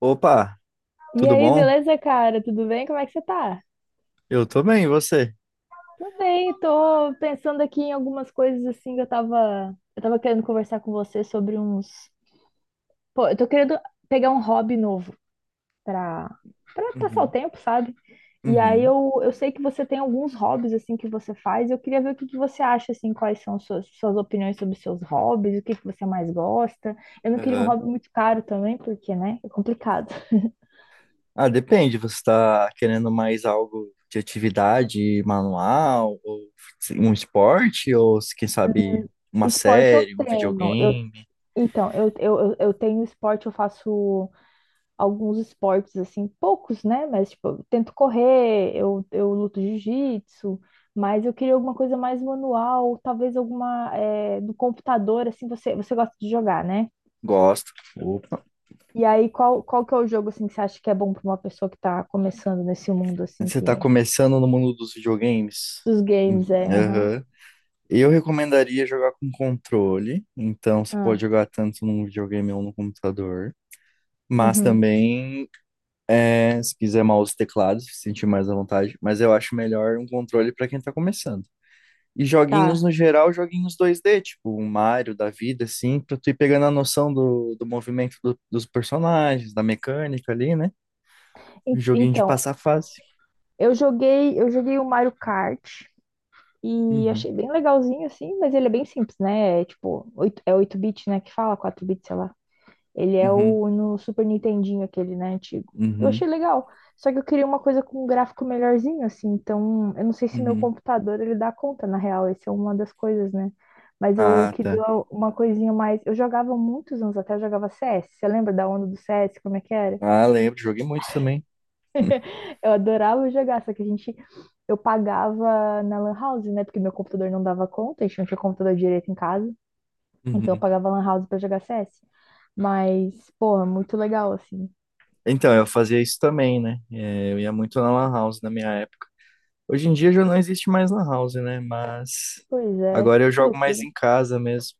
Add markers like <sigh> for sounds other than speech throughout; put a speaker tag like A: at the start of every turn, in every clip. A: Opa,
B: E
A: tudo
B: aí,
A: bom?
B: beleza, cara? Tudo bem? Como é que você tá?
A: Eu tô bem, e você?
B: Tudo bem, tô pensando aqui em algumas coisas assim que eu tava querendo conversar com você sobre uns. Pô, eu tô querendo pegar um hobby novo pra, pra passar o
A: Uhum,
B: tempo, sabe? E aí
A: uhum,
B: eu sei que você tem alguns hobbies assim que você faz, e eu queria ver o que que você acha, assim, quais são suas opiniões sobre os seus hobbies, o que que você mais gosta. Eu não queria um
A: aham.
B: hobby muito caro também, porque, né, é complicado.
A: Ah, depende, você tá querendo mais algo de atividade manual, ou um esporte, ou quem sabe uma
B: Esporte eu
A: série, um
B: treino, eu.
A: videogame?
B: Então, eu tenho esporte, eu faço alguns esportes, assim, poucos, né? Mas, tipo, eu tento correr, eu luto jiu-jitsu, mas eu queria alguma coisa mais manual, talvez alguma é, do computador, assim, você gosta de jogar, né?
A: Gosto. Opa.
B: E aí, qual que é o jogo, assim, que você acha que é bom para uma pessoa que tá começando nesse mundo, assim,
A: Você
B: que...
A: tá começando no mundo dos videogames?
B: Dos
A: Hum.
B: games, é, aham.
A: Aham. Eu recomendaria jogar com controle, então você pode
B: Ah,
A: jogar tanto num videogame ou no computador, mas
B: uhum,
A: também é, se quiser mouse e teclado, se sentir mais à vontade, mas eu acho melhor um controle para quem tá começando. E joguinhos
B: tá.
A: no geral, joguinhos dois d, tipo um Mario da vida, assim, pra tu ir pegando a noção do, do movimento dos personagens, da mecânica ali, né? Joguinho de
B: Então,
A: passar fase.
B: eu joguei o Mario Kart, e
A: Uhum,
B: achei bem legalzinho, assim, mas ele é bem simples, né? É tipo, é oito bits, né? Que fala, quatro bits, sei lá. Ele é
A: uhum,
B: o no Super Nintendinho, aquele, né? Antigo. Eu
A: uhum,
B: achei legal. Só que eu queria uma coisa com um gráfico melhorzinho, assim. Então, eu não sei se meu
A: uhum.
B: computador ele dá conta, na real. Essa é uma das coisas, né? Mas eu
A: Ah, tá.
B: queria uma coisinha mais. Eu jogava muitos anos até, eu jogava CS. Você lembra da onda do CS? Como é que era?
A: Ah, lembro, joguei muito também.
B: Eu adorava jogar, só que a gente. Eu pagava na Lan House, né? Porque meu computador não dava conta, a gente não tinha computador direito em casa. Então eu
A: Uhum.
B: pagava Lan House pra jogar CS. Mas, porra, muito legal, assim.
A: Então, eu fazia isso também, né? É, eu ia muito na Lan House na minha época. Hoje em dia já não existe mais lan house, né? Mas
B: Pois é,
A: agora eu
B: que
A: jogo mais
B: loucura.
A: em casa mesmo.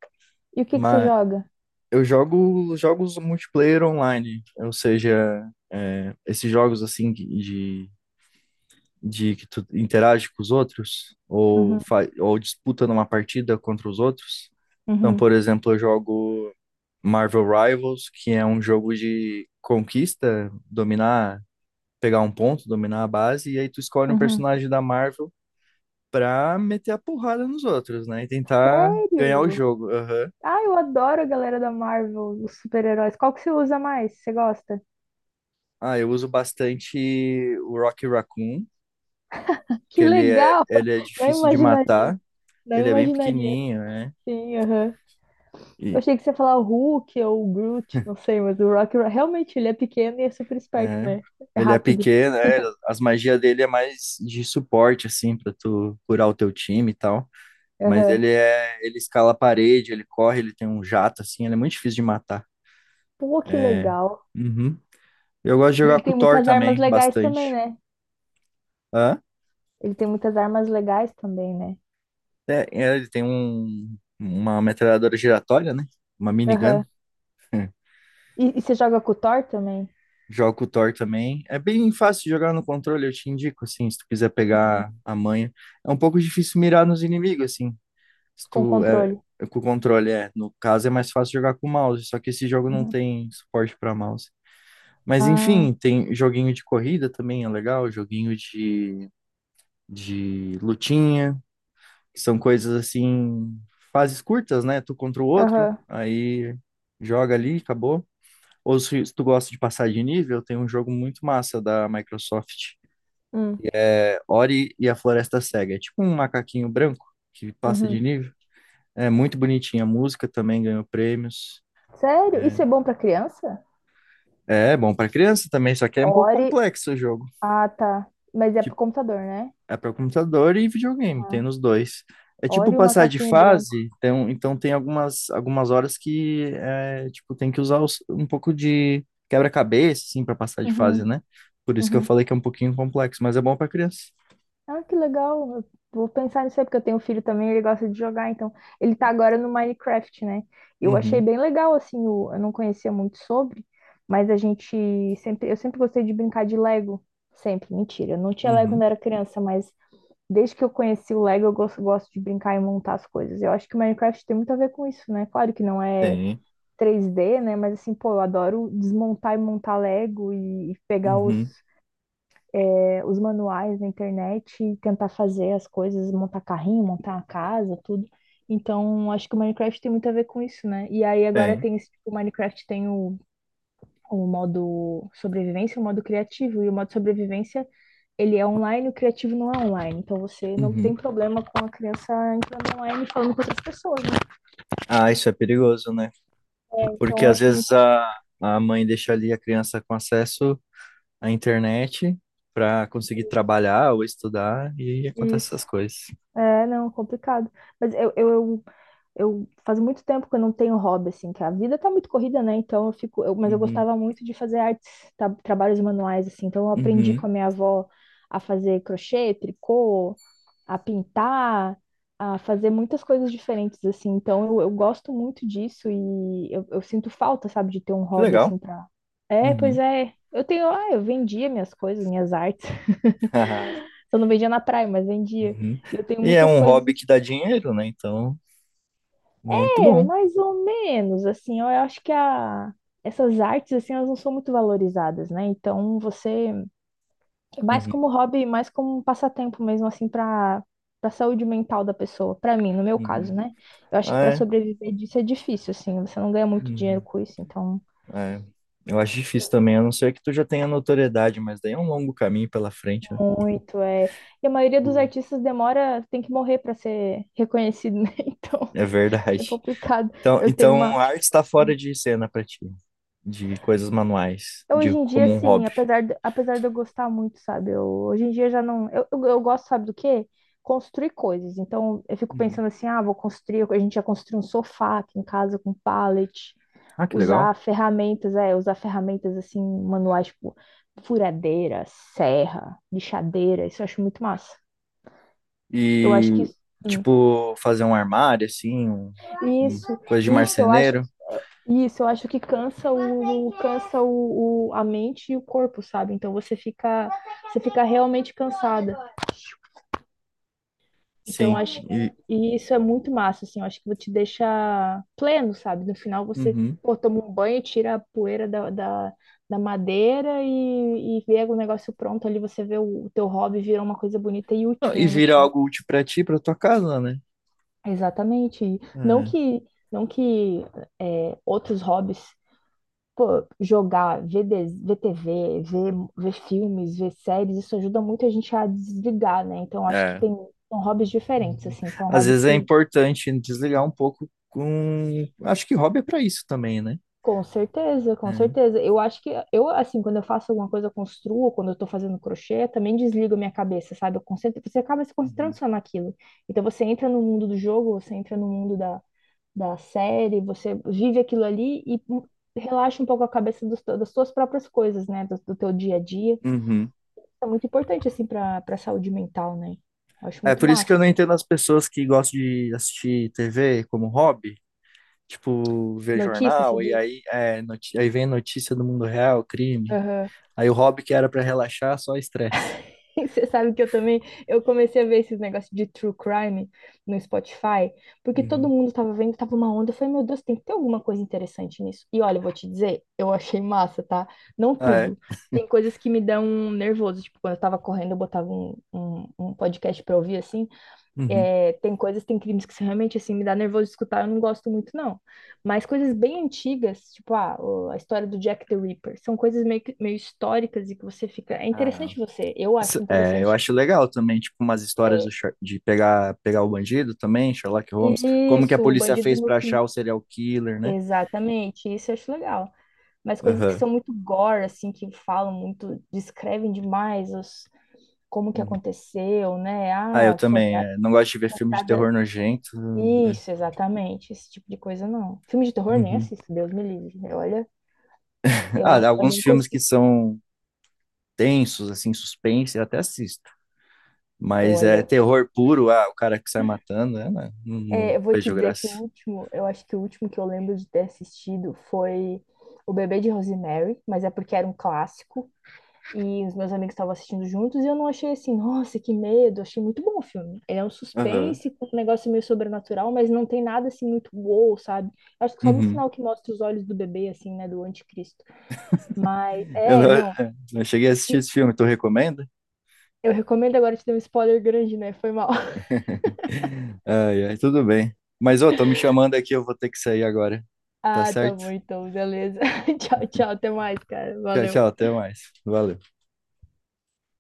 B: E o que que você
A: Mas
B: joga?
A: eu jogo jogos multiplayer online, ou seja, é, esses jogos assim de que tu interage com os outros ou,
B: Uhum,
A: ou disputa numa partida contra os outros. Então,
B: uhum,
A: por exemplo, eu jogo Marvel Rivals, que é um jogo de conquista, dominar, pegar um ponto, dominar a base, e aí tu escolhe um
B: uhum.
A: personagem da Marvel pra meter a porrada nos outros, né? E tentar ganhar o
B: Sério?
A: jogo. Aham.
B: Ah, eu adoro a galera da Marvel, os super-heróis. Qual que você usa mais? Você gosta?
A: Ah, eu uso bastante o Rocky Raccoon, que
B: Que legal!
A: ele é
B: <laughs> Não
A: difícil de
B: imaginaria,
A: matar,
B: não
A: ele é bem
B: imaginaria.
A: pequenininho, né?
B: Sim, aham. Eu
A: E,
B: achei que você ia falar o Hulk ou o Groot, não sei, mas o Rocket realmente ele é pequeno e é super esperto,
A: é.
B: né? É
A: Ele é
B: rápido.
A: pequeno, é, as magias dele é mais de suporte, assim, pra tu curar o teu time e tal. Mas
B: Aham.
A: ele é, ele escala a parede, ele corre, ele tem um jato, assim, ele é muito difícil de matar.
B: Pô, que
A: É.
B: legal.
A: Uhum. Eu gosto de
B: E
A: jogar
B: ele
A: com
B: tem
A: o Thor
B: muitas armas
A: também,
B: legais também,
A: bastante.
B: né?
A: Hã?
B: Ele tem muitas armas legais também, né?
A: É, é, ele tem um, uma metralhadora giratória, né? Uma minigun.
B: Aham.
A: <laughs>
B: E você joga com o Thor também?
A: Joga com o Thor também. É bem fácil de jogar no controle, eu te indico, assim, se tu quiser pegar
B: Uhum.
A: a manha. É um pouco difícil mirar nos inimigos, assim. Se
B: Com
A: tu é,
B: controle.
A: é com o controle, é. No caso, é mais fácil jogar com o mouse, só que esse jogo não
B: Uhum.
A: tem suporte para mouse. Mas
B: Ah,
A: enfim, tem joguinho de corrida também, é legal. Joguinho de lutinha. São coisas assim, fases curtas, né? Tu contra o outro,
B: aham.
A: aí joga ali, acabou. Ou se tu gosta de passar de nível, tem um jogo muito massa da Microsoft,
B: Hum,
A: é Ori e a Floresta Cega. É tipo um macaquinho branco que passa de
B: uhum.
A: nível. É muito bonitinha a música, também ganhou prêmios.
B: Sério? Isso é bom pra criança?
A: É, é bom para criança também, só que é um pouco
B: Ori.
A: complexo o jogo.
B: Ah, tá. Mas é pro computador, né?
A: É para computador e videogame, tem
B: Aham.
A: nos dois. É tipo
B: Ori e o
A: passar de
B: macaquinho branco.
A: fase, então, então tem algumas, algumas horas que é, tipo, tem que usar um pouco de quebra-cabeça, assim, para passar de fase,
B: Uhum.
A: né? Por isso que eu
B: Uhum.
A: falei que é um pouquinho complexo, mas é bom para criança.
B: Ah, que legal. Eu vou pensar nisso aí, porque eu tenho um filho também, ele gosta de jogar, então ele tá agora no Minecraft, né? Eu achei
A: Uhum,
B: bem legal, assim, eu não conhecia muito sobre, mas a gente sempre, eu sempre gostei de brincar de Lego, sempre, mentira, eu não tinha Lego quando
A: uhum,
B: era criança, mas desde que eu conheci o Lego, gosto de brincar e montar as coisas. Eu acho que o Minecraft tem muito a ver com isso, né? Claro que não é
A: tem,
B: 3D, né? Mas assim, pô, eu adoro desmontar e montar Lego e pegar os
A: uhum,
B: é, os manuais na internet e tentar fazer as coisas, montar carrinho, montar uma casa, tudo. Então, acho que o Minecraft tem muito a ver com isso, né? E aí agora
A: tem,
B: tem esse, tipo, o Minecraft tem o modo sobrevivência, o modo criativo, e o modo sobrevivência ele é online, o criativo não é online. Então você não tem
A: uhum.
B: problema com a criança entrando online e falando com outras pessoas, né?
A: Ah, isso é perigoso, né?
B: Então
A: Porque
B: eu
A: às
B: acho muito
A: vezes a mãe deixa ali a criança com acesso à internet para conseguir trabalhar ou estudar e acontece
B: isso.
A: essas coisas.
B: É, não, complicado. Mas eu, eu, eu faz muito tempo que eu não tenho hobby, assim, que a vida tá muito corrida, né? Então eu fico, mas eu
A: Uhum.
B: gostava muito de fazer artes, tá, trabalhos manuais, assim. Então eu aprendi com
A: Uhum.
B: a minha avó a fazer crochê, tricô, a pintar, a fazer muitas coisas diferentes, assim. Então eu gosto muito disso e eu sinto falta, sabe, de ter um
A: Que
B: hobby,
A: legal.
B: assim, pra... É, pois
A: Uhum.
B: é. Eu tenho, ah, eu vendia minhas coisas, minhas artes. <laughs>
A: <laughs>
B: Eu não vendia na praia, mas vendia.
A: Uhum.
B: E eu tenho
A: E é
B: muitas
A: um
B: coisas.
A: hobby que dá dinheiro, né? Então, muito
B: É,
A: bom.
B: mais ou menos, assim, eu acho que a, essas artes, assim, elas não são muito valorizadas, né? Então, você, mais
A: Uhum.
B: como hobby, mais como um passatempo mesmo, assim, para saúde mental da pessoa, para mim, no meu caso,
A: Uhum.
B: né? Eu acho que
A: Ah,
B: para
A: é.
B: sobreviver disso é difícil, assim, você não ganha muito dinheiro
A: Uhum.
B: com isso, então,
A: É. Eu acho difícil também, a não ser que tu já tenha notoriedade, mas daí é um longo caminho pela frente, né?
B: muito é. E a maioria dos
A: Uh.
B: artistas demora, tem que morrer para ser reconhecido, né? <laughs> Então,
A: É
B: é
A: verdade.
B: complicado.
A: Então,
B: Eu tenho
A: então
B: uma.
A: a arte está fora de cena para ti, de coisas manuais, de
B: Hoje em dia,
A: como um
B: assim,
A: hobby.
B: apesar de eu gostar muito, sabe? Eu, hoje em dia já não. Eu gosto, sabe do quê? Construir coisas. Então, eu fico
A: Uhum.
B: pensando assim: ah, vou construir. A gente já construiu um sofá aqui em casa com pallet,
A: Ah, que legal.
B: usar ferramentas, é, usar ferramentas assim, manuais, tipo furadeira, serra, lixadeira. Isso eu acho muito massa. Eu acho que
A: E,
B: isso. Hum,
A: tipo, fazer um armário, assim, um
B: Isso,
A: coisa de
B: isso eu acho.
A: marceneiro.
B: Isso, eu acho que cansa a mente e o corpo, sabe? Então você fica realmente cansada. Então
A: Sim,
B: acho
A: e,
B: e isso é muito massa, assim, eu acho que te deixa pleno, sabe? No final você
A: uhum.
B: pô, toma um banho, tira a poeira da, da madeira e vê o negócio pronto ali, você vê o teu hobby virar uma coisa bonita e
A: Não,
B: útil,
A: e
B: né, no
A: vira
B: fim.
A: algo útil pra ti, pra tua casa, né?
B: Exatamente. E não que não que é, outros hobbies pô, ver TV, ver filmes, ver séries, isso ajuda muito a gente a desligar, né? Então,
A: É,
B: acho que
A: é.
B: tem, são hobbies diferentes,
A: Uhum.
B: assim, são
A: Às
B: hobbies
A: vezes é
B: que,
A: importante desligar um pouco com. Acho que hobby é pra isso também, né?
B: com certeza, com
A: É.
B: certeza. Eu acho que, eu, assim, quando eu faço alguma coisa, eu construo, quando eu tô fazendo crochê, eu também desligo a minha cabeça, sabe? Eu concentro, você acaba se concentrando
A: Uhum.
B: só naquilo. Então, você entra no mundo do jogo, você entra no mundo da, da série, você vive aquilo ali e relaxa um pouco a cabeça dos, das suas próprias coisas, né? Do teu dia a dia.
A: Uhum.
B: É muito importante, assim, pra saúde mental, né? Eu acho
A: É
B: muito
A: por isso que eu
B: massa.
A: não
B: Assim.
A: entendo as pessoas que gostam de assistir TV como hobby, tipo, ver
B: Notícia, se
A: jornal, e
B: diz?
A: aí, é, aí vem notícia do mundo real, crime.
B: Aham.
A: Aí o hobby que era pra relaxar, só estresse.
B: <laughs> Você sabe que eu também, eu comecei a ver esses negócios de true crime no Spotify, porque todo
A: Uhum.
B: mundo tava vendo, tava uma onda, eu falei, meu Deus, tem que ter alguma coisa interessante nisso. E olha, eu vou te dizer, eu achei massa, tá? Não
A: Ah, é?
B: tudo. Tem coisas que me dão nervoso, tipo, quando eu tava correndo, eu botava um podcast pra ouvir, assim.
A: Uhum.
B: É, tem coisas, tem crimes que são realmente assim me dá nervoso de escutar, eu não gosto muito, não. Mas coisas bem antigas, tipo ah, a história do Jack the Ripper, são coisas meio, meio históricas e que você fica. É
A: Ah,
B: interessante você, eu acho
A: Essa- é, eu
B: interessante.
A: acho legal também, tipo, umas histórias do
B: É,
A: De pegar, pegar o bandido também, Sherlock Holmes, como que a
B: isso, o
A: polícia
B: bandido
A: fez
B: do meu
A: pra
B: fim.
A: achar o serial killer, né?
B: Exatamente, isso eu acho legal. Mas coisas que
A: Aham.
B: são muito gore, assim, que falam muito, descrevem demais os, como que
A: Uhum.
B: aconteceu, né?
A: Ah, eu
B: Ah, foi
A: também,
B: a
A: é, não gosto de ver filme de
B: comprada.
A: terror nojento. É.
B: Isso, exatamente. Esse tipo de coisa não. Filme de terror nem
A: Uhum.
B: assisto, Deus me livre. Olha,
A: <laughs> Ah,
B: eu
A: alguns
B: nem
A: filmes que
B: consigo.
A: são tensos, assim, suspense, eu até assisto. Mas é
B: Olha,
A: terror puro, ah, o cara que sai matando, é, né? Não, não
B: é, eu vou te
A: vejo
B: dizer que o
A: graça.
B: último, eu acho que o último que eu lembro de ter assistido foi O Bebê de Rosemary, mas é porque era um clássico e os meus amigos estavam assistindo juntos e eu não achei assim, nossa, que medo. Eu achei muito bom o filme. Ele é um
A: Aham.
B: suspense com um negócio meio sobrenatural, mas não tem nada assim muito wow, sabe? Acho que só no
A: Uhum.
B: final que mostra os olhos do bebê, assim, né, do anticristo. Mas,
A: Eu não,
B: é,
A: <laughs> eu
B: não.
A: não cheguei a assistir esse filme, tu recomenda?
B: Eu recomendo agora te dar um spoiler grande, né? Foi mal. <laughs>
A: <laughs> Ai, ai, tudo bem. Mas, ô, tô me chamando aqui, eu vou ter que sair agora. Tá
B: Ah, tá
A: certo?
B: bom então, beleza. <laughs> Tchau, tchau, até mais, cara.
A: Tchau,
B: Valeu.
A: tchau, até mais. Valeu.